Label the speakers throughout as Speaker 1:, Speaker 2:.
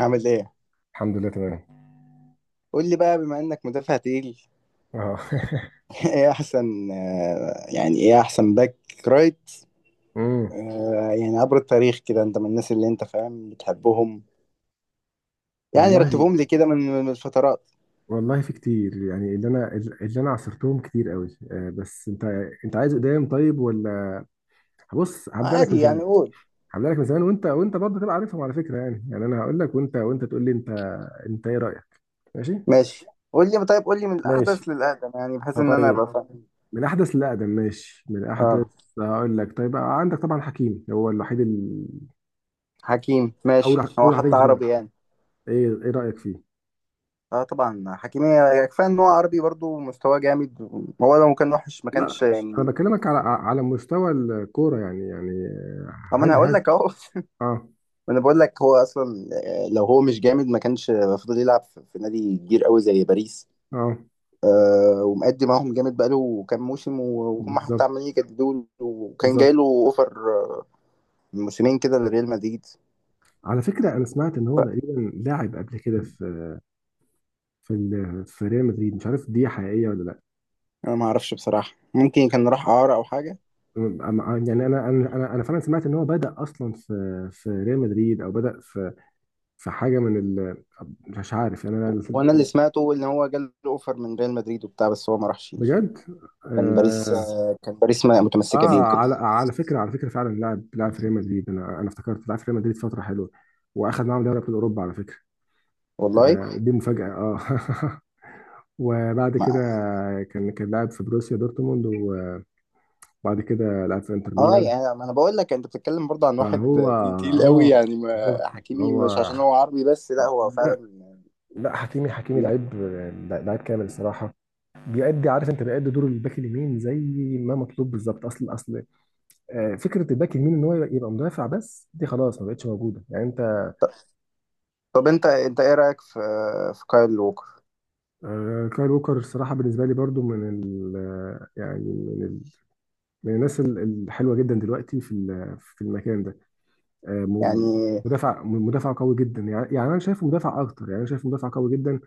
Speaker 1: عامل ايه؟
Speaker 2: الحمد لله تمام.
Speaker 1: قول لي بقى بما انك مدافع تقيل
Speaker 2: اه
Speaker 1: ايه احسن، يعني ايه احسن باك رايت.
Speaker 2: امم
Speaker 1: يعني عبر التاريخ كده انت من الناس اللي انت فاهم بتحبهم. يعني
Speaker 2: والله.
Speaker 1: رتبهم لي كده من الفترات.
Speaker 2: والله في كتير يعني اللي انا عصرتهم كتير قوي، بس انت عايز قدام طيب ولا؟ بص، هبدا لك من
Speaker 1: عادي
Speaker 2: زمان.
Speaker 1: يعني قول.
Speaker 2: هبدا لك من زمان وانت برضه تبقى عارفهم على فكره. يعني انا هقول لك وانت تقول لي انت ايه رايك؟ ماشي.
Speaker 1: ماشي، قول لي طيب قول لي من
Speaker 2: ماشي.
Speaker 1: الاحدث للاقدم يعني بحيث ان انا
Speaker 2: فطيب،
Speaker 1: ابقى فاهم.
Speaker 2: من احدث لاقدم ماشي، من احدث.
Speaker 1: اه
Speaker 2: هقول لك. طيب، عندك طبعا حكيم هو الوحيد ال...
Speaker 1: حكيم،
Speaker 2: اول
Speaker 1: ماشي هو
Speaker 2: واحد هيجي
Speaker 1: حتى
Speaker 2: في دماغك.
Speaker 1: عربي يعني.
Speaker 2: ايه رايك فيه؟
Speaker 1: اه طبعا حكيم كفايه ان هو عربي برضو مستواه جامد. هو لو كان وحش ما كانش
Speaker 2: لا، انا
Speaker 1: يعني.
Speaker 2: بكلمك على مستوى الكوره يعني
Speaker 1: طب ما انا
Speaker 2: هل
Speaker 1: هقول لك اهو
Speaker 2: اه.
Speaker 1: ما انا بقول لك هو اصلا لو هو مش جامد ما كانش المفروض يلعب في نادي كبير قوي زي باريس.
Speaker 2: اه،
Speaker 1: ومأدي معاهم جامد بقاله كام موسم وهم حتى
Speaker 2: بالظبط.
Speaker 1: عمالين يجددوا له، وكان جاي
Speaker 2: بالظبط.
Speaker 1: له اوفر آه، من موسمين كده لريال مدريد.
Speaker 2: على فكره، انا سمعت ان هو تقريبا لاعب قبل كده في ال- في ريال مدريد، مش عارف دي حقيقيه ولا لا.
Speaker 1: انا ما اعرفش بصراحه، ممكن كان راح اعاره او حاجه.
Speaker 2: أما- يعني انا فعلا سمعت ان هو بدا اصلا في ريال مدريد او بدا في حاجه من ال... مش عارف يعني انا.
Speaker 1: وانا اللي سمعته ان هو جاله اوفر من ريال مدريد وبتاع بس هو ما راحش.
Speaker 2: بجد.
Speaker 1: كان باريس
Speaker 2: اه.
Speaker 1: آه، كان باريس ما-
Speaker 2: آه.
Speaker 1: متمسكه بيه وكده.
Speaker 2: على على فكره فعلا لاعب في ريال مدريد، انا افتكرت لاعب في ريال مدريد فتره حلوه، واخد معاهم دوري ابطال اوروبا على فكره.
Speaker 1: والله.
Speaker 2: آه، دي مفاجأة. اه. وبعد كده كان لاعب في بروسيا دورتموند، وبعد كده لعب في انتر
Speaker 1: اه
Speaker 2: ميلان.
Speaker 1: يعني ما انا بقول لك انت بتتكلم برضه عن
Speaker 2: فهو
Speaker 1: واحد تقيل قوي
Speaker 2: اه،
Speaker 1: يعني،
Speaker 2: بالظبط.
Speaker 1: ما حكيمي
Speaker 2: هو.
Speaker 1: مش عشان هو عربي بس، لا هو
Speaker 2: لا.
Speaker 1: فعلا.
Speaker 2: لا، حكيمي لعيب، لعيب كامل الصراحة. بيأدي، عارف انت، بيأدي دور الباك اليمين زي ما مطلوب بالظبط. اصل آه، فكرة الباك اليمين ان هو يبقى مدافع، بس دي خلاص ما بقتش موجودة يعني انت.
Speaker 1: طب انت ايه رايك في كايل ووكر؟
Speaker 2: آه، كايل ووكر الصراحة بالنسبة لي برضو من ال يعني من الناس ال- الحلوه جدا دلوقتي في ال- في المكان ده. آه، م-
Speaker 1: يعني
Speaker 2: مدافع م- مدافع قوي جدا يعني انا شايفه مدافع اكتر يعني انا شايفه مدافع قوي جدا،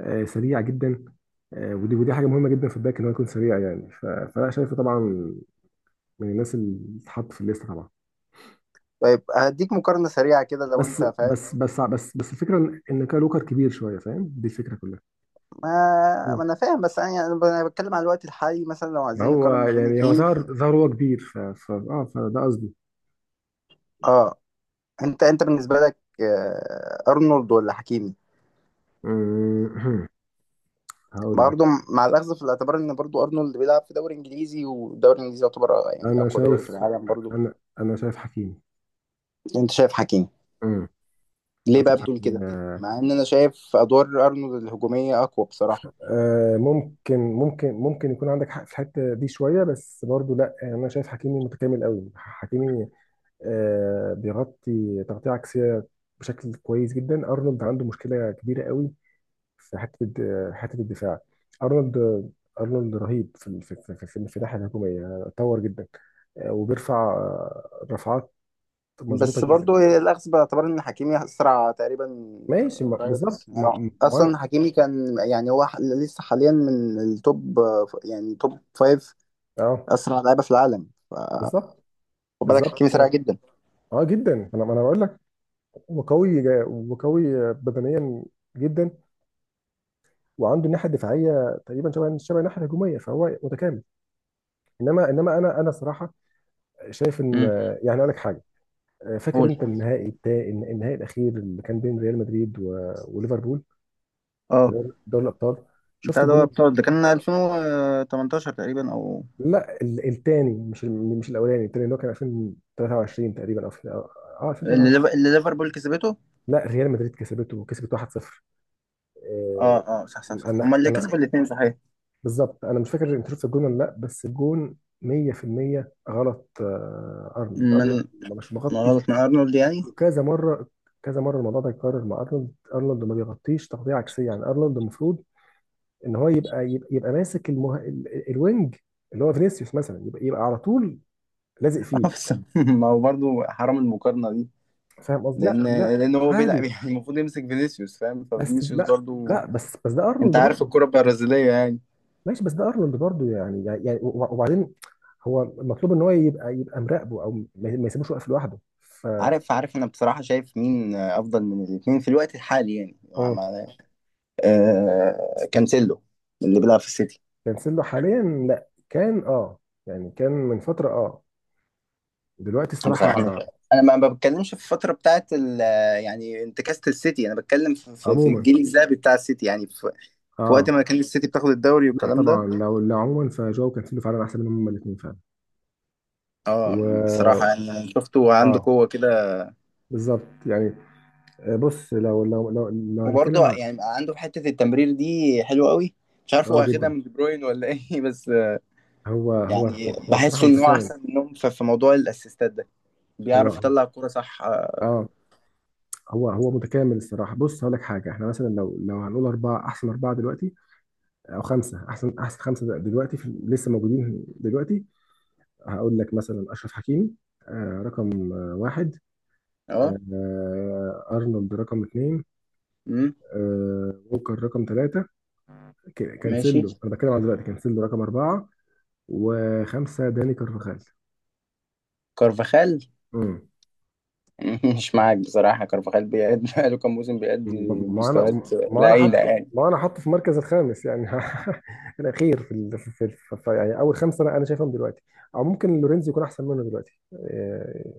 Speaker 2: سريع جدا، ودي حاجه مهمه جدا في الباك ان هو يكون سريع يعني ف- فانا شايفه طبعا من الناس اللي تتحط في الليسته طبعا.
Speaker 1: طيب هديك مقارنه سريعه كده لو
Speaker 2: بس
Speaker 1: انت فاهم.
Speaker 2: بس بس بس بس الفكره ان إن كالوكر كبير شويه، فاهم، دي الفكره كلها.
Speaker 1: ما,
Speaker 2: مم.
Speaker 1: ما انا فاهم بس انا يعني انا بتكلم على الوقت الحالي، مثلا لو عايزين
Speaker 2: هو
Speaker 1: نقارن ما بين
Speaker 2: يعني هو
Speaker 1: اتنين.
Speaker 2: ظهر هو كبير ف ف- اه فده قصدي.
Speaker 1: اه، انت بالنسبه لك ارنولد ولا حكيمي؟
Speaker 2: مم. هقول لك.
Speaker 1: برضه مع الاخذ في الاعتبار ان برضه ارنولد بيلعب في دوري انجليزي، والدوري الانجليزي يعتبر يعني
Speaker 2: انا
Speaker 1: اقوى دوري في
Speaker 2: شايف.
Speaker 1: العالم برضه.
Speaker 2: انا شايف حكيمي.
Speaker 1: انت شايف حكيمي.
Speaker 2: امم لو
Speaker 1: ليه بقى
Speaker 2: تضحك.
Speaker 1: بتقول كده؟
Speaker 2: آه،
Speaker 1: مع ان انا شايف ادوار ارنولد الهجوميه اقوى بصراحه.
Speaker 2: ممكن يكون عندك حق في الحته دي شويه، بس برضو لا، يعني انا شايف حكيمي متكامل قوي. حكيمي آه، بيغطي تغطيه عكسيه بشكل كويس جدا. ارنولد عنده مشكله كبيره قوي في حته الد- حته الدفاع. ارنولد رهيب في ال- في الناحيه الهجوميه يعني اتطور جدا، وبيرفع رفعات مظبوطه
Speaker 1: بس
Speaker 2: جدا.
Speaker 1: برضو الاخذ باعتبار ان حكيمي اسرع تقريبا.
Speaker 2: ماشي، ما-
Speaker 1: رايت
Speaker 2: بالظبط
Speaker 1: يعني
Speaker 2: ما- ما-.
Speaker 1: اصلا، حكيمي كان يعني هو لسه حاليا من التوب، يعني توب فايف
Speaker 2: اه
Speaker 1: اسرع لعيبه في العالم.
Speaker 2: بالظبط.
Speaker 1: خد بالك
Speaker 2: بالظبط
Speaker 1: حكيمي سريع
Speaker 2: آه.
Speaker 1: جدا.
Speaker 2: اه جدا، انا بقول لك هو قوي جا- وقوي بدنيا جدا، وعنده الناحيه الدفاعيه تقريبا شبه الناحيه الهجوميه، فهو متكامل. انما انا صراحه شايف ان
Speaker 1: امم.
Speaker 2: يعني اقول لك حاجه. فاكر
Speaker 1: قول.
Speaker 2: انت النهائي بتاع. النهائي الاخير اللي كان بين ريال مدريد و- وليفربول.
Speaker 1: اه
Speaker 2: دوري الابطال. شفت
Speaker 1: بتاع ده،
Speaker 2: الجون
Speaker 1: هو
Speaker 2: ال-.
Speaker 1: بتاع ده كان
Speaker 2: آه.
Speaker 1: 2018 تقريبا او
Speaker 2: لا ال- التاني مش ال- مش الاولاني، التاني اللي هو كان 2023 تقريبا او في-. اه
Speaker 1: اللي
Speaker 2: 2023.
Speaker 1: اللي ليفربول كسبته.
Speaker 2: لا، ريال مدريد كسبته، وكسبت 1-0.
Speaker 1: اه
Speaker 2: آه،
Speaker 1: اه، صح صح صح،
Speaker 2: انا
Speaker 1: هما اللي كسبوا الاثنين صحيح.
Speaker 2: بالظبط انا مش فاكر انت شفت الجون ولا لا، بس الجون 100% غلط. آه، ارنولد
Speaker 1: من،
Speaker 2: مش
Speaker 1: ما
Speaker 2: مغطي
Speaker 1: غلط من ارنولد يعني.
Speaker 2: كذا مره. كذا مره الموضوع ده يتكرر مع ارنولد. ارنولد ما بيغطيش تغطيه عكسيه يعني. ارنولد المفروض ان هو يبقى يبقى ماسك المه... ال- الوينج اللي هو فينيسيوس مثلا، يبقى على طول لازق فيه.
Speaker 1: اه بس ما هو برضه حرام المقارنة دي.
Speaker 2: فاهم قصدي. لا
Speaker 1: لأن
Speaker 2: لا.
Speaker 1: لأن هو بيلعب
Speaker 2: عادي.
Speaker 1: يعني المفروض يمسك فينيسيوس فاهم،
Speaker 2: بس
Speaker 1: ففينيسيوس
Speaker 2: لا.
Speaker 1: برضه
Speaker 2: لا بس ده
Speaker 1: أنت
Speaker 2: ارنولد
Speaker 1: عارف
Speaker 2: برضه.
Speaker 1: الكرة البرازيلية يعني.
Speaker 2: ماشي، بس ده ارنولد برضو يعني وب- وبعدين هو المطلوب ان هو يبقى مراقبه او ما يسيبوش واقف لوحده ف.
Speaker 1: عارف عارف، أنا بصراحة شايف مين أفضل من الاتنين في الوقت الحالي يعني
Speaker 2: مم.
Speaker 1: كانسيلو اللي بيلعب في السيتي.
Speaker 2: كانسيلو حاليا؟ لا، كان اه، يعني كان من فتره اه، دلوقتي الصراحه.
Speaker 1: بصراحة أنا ما بتكلمش في الفترة بتاعت ال-، يعني انتكاسة السيتي، أنا بتكلم في
Speaker 2: عموما.
Speaker 1: الجيل الذهبي بتاع السيتي، يعني في, في وقت ما
Speaker 2: اه.
Speaker 1: كان السيتي بتاخد الدوري
Speaker 2: لا
Speaker 1: والكلام ده.
Speaker 2: طبعا لو عموما فجو كانسيلو فعلا احسن منهم هما الاثنين فعلا.
Speaker 1: اه بصراحة
Speaker 2: و
Speaker 1: يعني شفته عنده
Speaker 2: اه،
Speaker 1: قوة كده.
Speaker 2: بالظبط يعني. آه، بص لو هنتكلم
Speaker 1: وبرضه
Speaker 2: عن.
Speaker 1: يعني بقى عنده حتة التمرير دي حلوة قوي. مش عارف هو
Speaker 2: اه
Speaker 1: اخدها
Speaker 2: جدا.
Speaker 1: من دي بروين ولا ايه بس يعني
Speaker 2: هو الصراحه
Speaker 1: بحسه ان هو
Speaker 2: متشابه.
Speaker 1: احسن منهم في موضوع الاسيستات ده. بيعرف
Speaker 2: هو
Speaker 1: يطلع الكورة صح. اه.
Speaker 2: اه، هو متكامل الصراحه. بص هقول لك حاجه. احنا مثلا لو هنقول اربعه احسن اربعه دلوقتي، او خمسه احسن خمسه دلوقتي في لسه موجودين دلوقتي. هقول لك مثلا اشرف حكيمي آه رقم آه واحد.
Speaker 1: آه.
Speaker 2: آه ارنولد رقم اثنين.
Speaker 1: مم.
Speaker 2: آه ووكر رقم ثلاثه.
Speaker 1: ماشي،
Speaker 2: كانسيلو، انا بتكلم عن دلوقتي، كانسيلو رقم اربعه. وخمسه داني كارفاخال.
Speaker 1: كارفاخال؟ مش معاك بصراحة، كارفاخال بيأدي بقاله كام موسم بيأدي
Speaker 2: ما ما انا
Speaker 1: مستويات
Speaker 2: ما انا حط
Speaker 1: لعينة يعني.
Speaker 2: ما انا حاطه في المركز الخامس يعني. الاخير في ال... في... في... في... في يعني اول خمسه انا شايفهم دلوقتي. او ممكن لورينزو يكون احسن منه دلوقتي، إيه،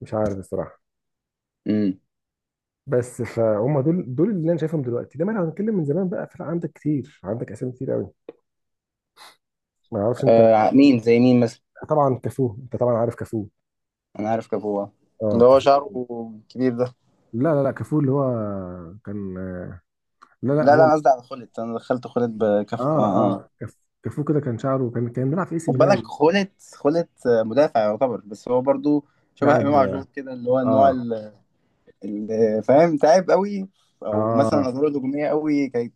Speaker 2: مش عارف الصراحه.
Speaker 1: مم.
Speaker 2: بس فهم دول اللي انا شايفهم دلوقتي. لما انا هنتكلم من زمان بقى، فرق، عندك كتير، عندك اسامي كتير قوي. ما اعرفش انت.
Speaker 1: آه، مين زي مين مثلا؟
Speaker 2: طبعا كافو، انت طبعا عارف كافو.
Speaker 1: انا عارف كافو
Speaker 2: اه
Speaker 1: اللي هو
Speaker 2: كافو
Speaker 1: شعره
Speaker 2: طبعا.
Speaker 1: كبير ده.
Speaker 2: لا لا لا كافو اللي هو كان. لا لا
Speaker 1: لا لا،
Speaker 2: هو.
Speaker 1: أنا قصدي على، خلت انا دخلت خلت بكافو آه
Speaker 2: اه
Speaker 1: آه.
Speaker 2: اه كاف- كافو كده كان شعره، كان بيلعب في اي سي
Speaker 1: خد بالك
Speaker 2: ميلان.
Speaker 1: خولة. خولة مدافع يعتبر، بس هو برضو شبه امام
Speaker 2: لاعب.
Speaker 1: عاشور كده، اللي هو النوع
Speaker 2: اه.
Speaker 1: اللي فاهم تعب قوي. او مثلا
Speaker 2: اه.
Speaker 1: ادواره الهجوميه قوي كانت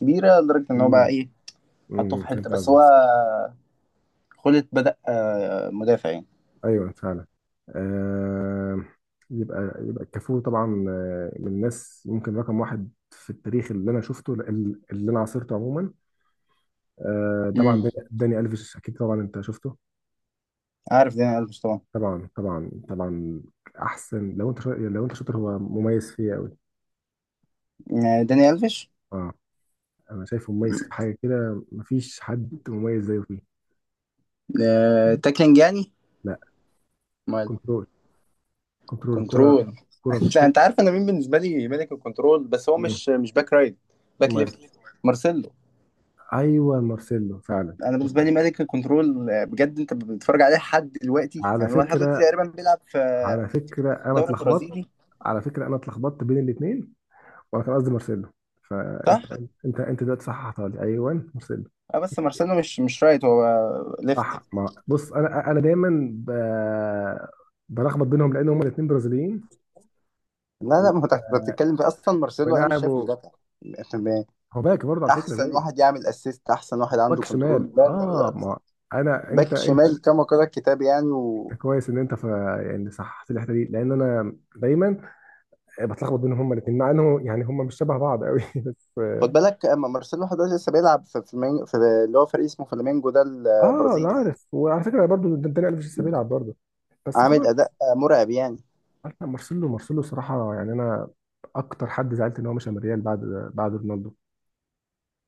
Speaker 1: كبيره لدرجه ان هو بقى،
Speaker 2: امم
Speaker 1: ايه، حطوه في حته،
Speaker 2: فهمت
Speaker 1: بس هو
Speaker 2: قصدك.
Speaker 1: خولة بدأ مدافع يعني.
Speaker 2: ايوه فعلا. آه يبقى الكافور طبعا، آه، من الناس ممكن رقم واحد في التاريخ اللي انا شفته، اللي انا عاصرته عموما. آه
Speaker 1: امم.
Speaker 2: طبعا داني الفيش اكيد طبعا انت شفته.
Speaker 1: عارف داني الفيش طبعا.
Speaker 2: طبعا طبعا طبعا. احسن لو انت شاطر، لو انت شاطر هو مميز فيه قوي.
Speaker 1: داني الفيش.
Speaker 2: اه. انا شايفه مميز في حاجه كده مفيش حد مميز زيه فيه.
Speaker 1: تاكلينج يعني؟
Speaker 2: لا.
Speaker 1: امال؟
Speaker 2: كنترول. كنترول كره.
Speaker 1: كنترول.
Speaker 2: كره
Speaker 1: انت
Speaker 2: كو...
Speaker 1: انت عارف انا مين بالنسبه لي ملك الكنترول، بس هو
Speaker 2: مم.
Speaker 1: مش باك رايت، باك
Speaker 2: مم.
Speaker 1: ليفت، مارسيلو.
Speaker 2: ايوه مارسيلو فعلا
Speaker 1: انا بالنسبه لي
Speaker 2: مارسيلو.
Speaker 1: ملك الكنترول بجد. انت بتتفرج عليه لحد دلوقتي،
Speaker 2: على
Speaker 1: يعني هو لحد دلوقتي
Speaker 2: فكرة
Speaker 1: تقريبا بيلعب في في
Speaker 2: أنا
Speaker 1: الدوري
Speaker 2: اتلخبطت.
Speaker 1: البرازيلي
Speaker 2: على فكرة أنا اتلخبطت بين الاتنين، وأنا كان قصدي مارسيلو. فأنت
Speaker 1: صح.
Speaker 2: أنت دلوقتي صححتها لي، أيوه مارسيلو.
Speaker 1: اه بس مارسيلو مش رايت، هو ليفت.
Speaker 2: صح. ما بص، أنا دايما ب... بلخبط بينهم، لأن هما الاتنين برازيليين.
Speaker 1: لا
Speaker 2: و...
Speaker 1: لا، ما هو تحت بتتكلم في اصلا، مارسيلو انا مش شايفه
Speaker 2: ولعبوا.
Speaker 1: مدافع. تمام.
Speaker 2: هو باك برضه على فكرة
Speaker 1: احسن
Speaker 2: زي.
Speaker 1: واحد يعمل اسيست، احسن واحد عنده
Speaker 2: باك شمال
Speaker 1: كنترول، لا لا
Speaker 2: أه
Speaker 1: لا،
Speaker 2: ما، أنت
Speaker 1: باك شمال كما قال الكتاب يعني
Speaker 2: أنت
Speaker 1: و...
Speaker 2: كويس إن أنت ف... يعني صححت لي الحتة دي، لأن أنا دايما بتلخبط بينهم هما الاتنين، مع إنه يعني هما مش شبه بعض قوي. بس.
Speaker 1: خد بالك اما مارسيلو لحد دلوقتي لسه بيلعب في اللي هو فريق اسمه فلامينجو ده
Speaker 2: اه انا
Speaker 1: البرازيلي.
Speaker 2: عارف، وعلى فكره برضو ده داني الفيش لسه بيلعب برضه. بس
Speaker 1: عامل
Speaker 2: خلاص.
Speaker 1: اداء مرعب يعني.
Speaker 2: عارف. لا، مارسيلو صراحه يعني انا اكتر حد زعلت ان هو مشى من الريال بعد رونالدو.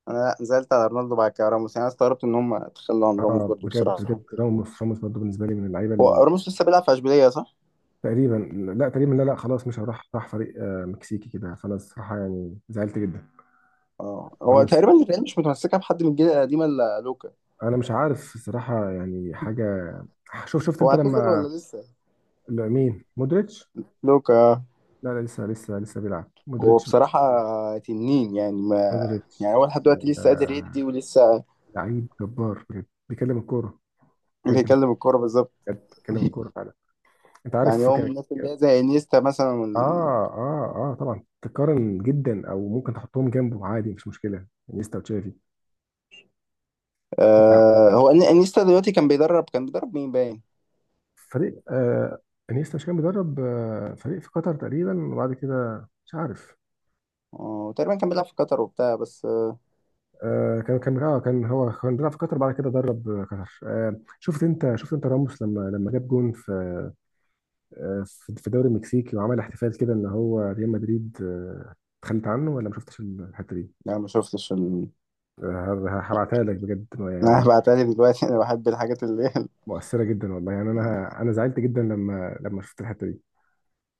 Speaker 1: انا نزلت على رونالدو، بعد كده راموس يعني، أنا استغربت ان هم تخلوا عن راموس
Speaker 2: اه
Speaker 1: برضو
Speaker 2: بجد.
Speaker 1: بصراحه.
Speaker 2: بجد راموس، راموس برضه بالنسبه لي من اللعيبه
Speaker 1: هو
Speaker 2: ال-.
Speaker 1: راموس لسه بيلعب في اشبيليه صح؟
Speaker 2: تقريبا. لا تقريبا، لا لا خلاص، مش هروح، راح فريق آه، مكسيكي كده، فانا الصراحه يعني زعلت جدا.
Speaker 1: اه هو
Speaker 2: راموس.
Speaker 1: تقريبا الريال مش متمسكه بحد من الجيل القديم الا لوكا.
Speaker 2: انا مش عارف الصراحه يعني حاجه. شوف، شفت
Speaker 1: هو
Speaker 2: انت
Speaker 1: اعتزل
Speaker 2: لما.
Speaker 1: ولا لسه؟
Speaker 2: لا، مين، مودريتش.
Speaker 1: لوكا
Speaker 2: لا لا لسه بيلعب
Speaker 1: هو
Speaker 2: مودريتش.
Speaker 1: بصراحه تنين يعني، ما، يعني هو
Speaker 2: مودريتش
Speaker 1: لحد دلوقتي لسه قادر
Speaker 2: آه،
Speaker 1: يدي، ولسه
Speaker 2: لعيب جبار بجد، بيكلم الكوره
Speaker 1: بيكلم
Speaker 2: بجد.
Speaker 1: الكوره بالظبط.
Speaker 2: بجد بيكلم الكوره فعلا. انت
Speaker 1: يعني
Speaker 2: عارف.
Speaker 1: هو من
Speaker 2: كان.
Speaker 1: الناس اللي هي زي انيستا مثلا وال...
Speaker 2: اه طبعا تقارن جدا، او ممكن تحطهم جنبه عادي مش مشكله. انيستا وتشافي. انت.
Speaker 1: هو انيستا دلوقتي كان بيدرب، مين باين؟
Speaker 2: فريق آه. انيستا مش كان بيدرب آه فريق في قطر تقريبا، وبعد كده مش عارف.
Speaker 1: اه تقريبا كان بيلعب في قطر وبتاع بس
Speaker 2: آه كان هو كان بيلعب في قطر، بعد كده درب آه، قطر. آه شفت انت، شفت انت راموس لما لما جاب جون في آه، في الدوري المكسيكي، وعمل احتفال كده ان هو ريال مدريد آه، اتخلت عنه. ولا ما شفتش الحته دي؟
Speaker 1: لا ما شفتش ال...
Speaker 2: آه، ه- هبعتها لك بجد يعني
Speaker 1: انا
Speaker 2: م-
Speaker 1: بعتلي دلوقتي، انا بحب الحاجات اللي
Speaker 2: مؤثره جدا والله، يعني انا زعلت جدا لما شفت الحته دي.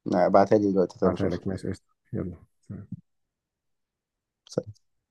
Speaker 1: لا، ابعتها لي دلوقتي طيب
Speaker 2: هبعتها لك،
Speaker 1: اشوفها.
Speaker 2: ماشي قشطه، يلا سلام.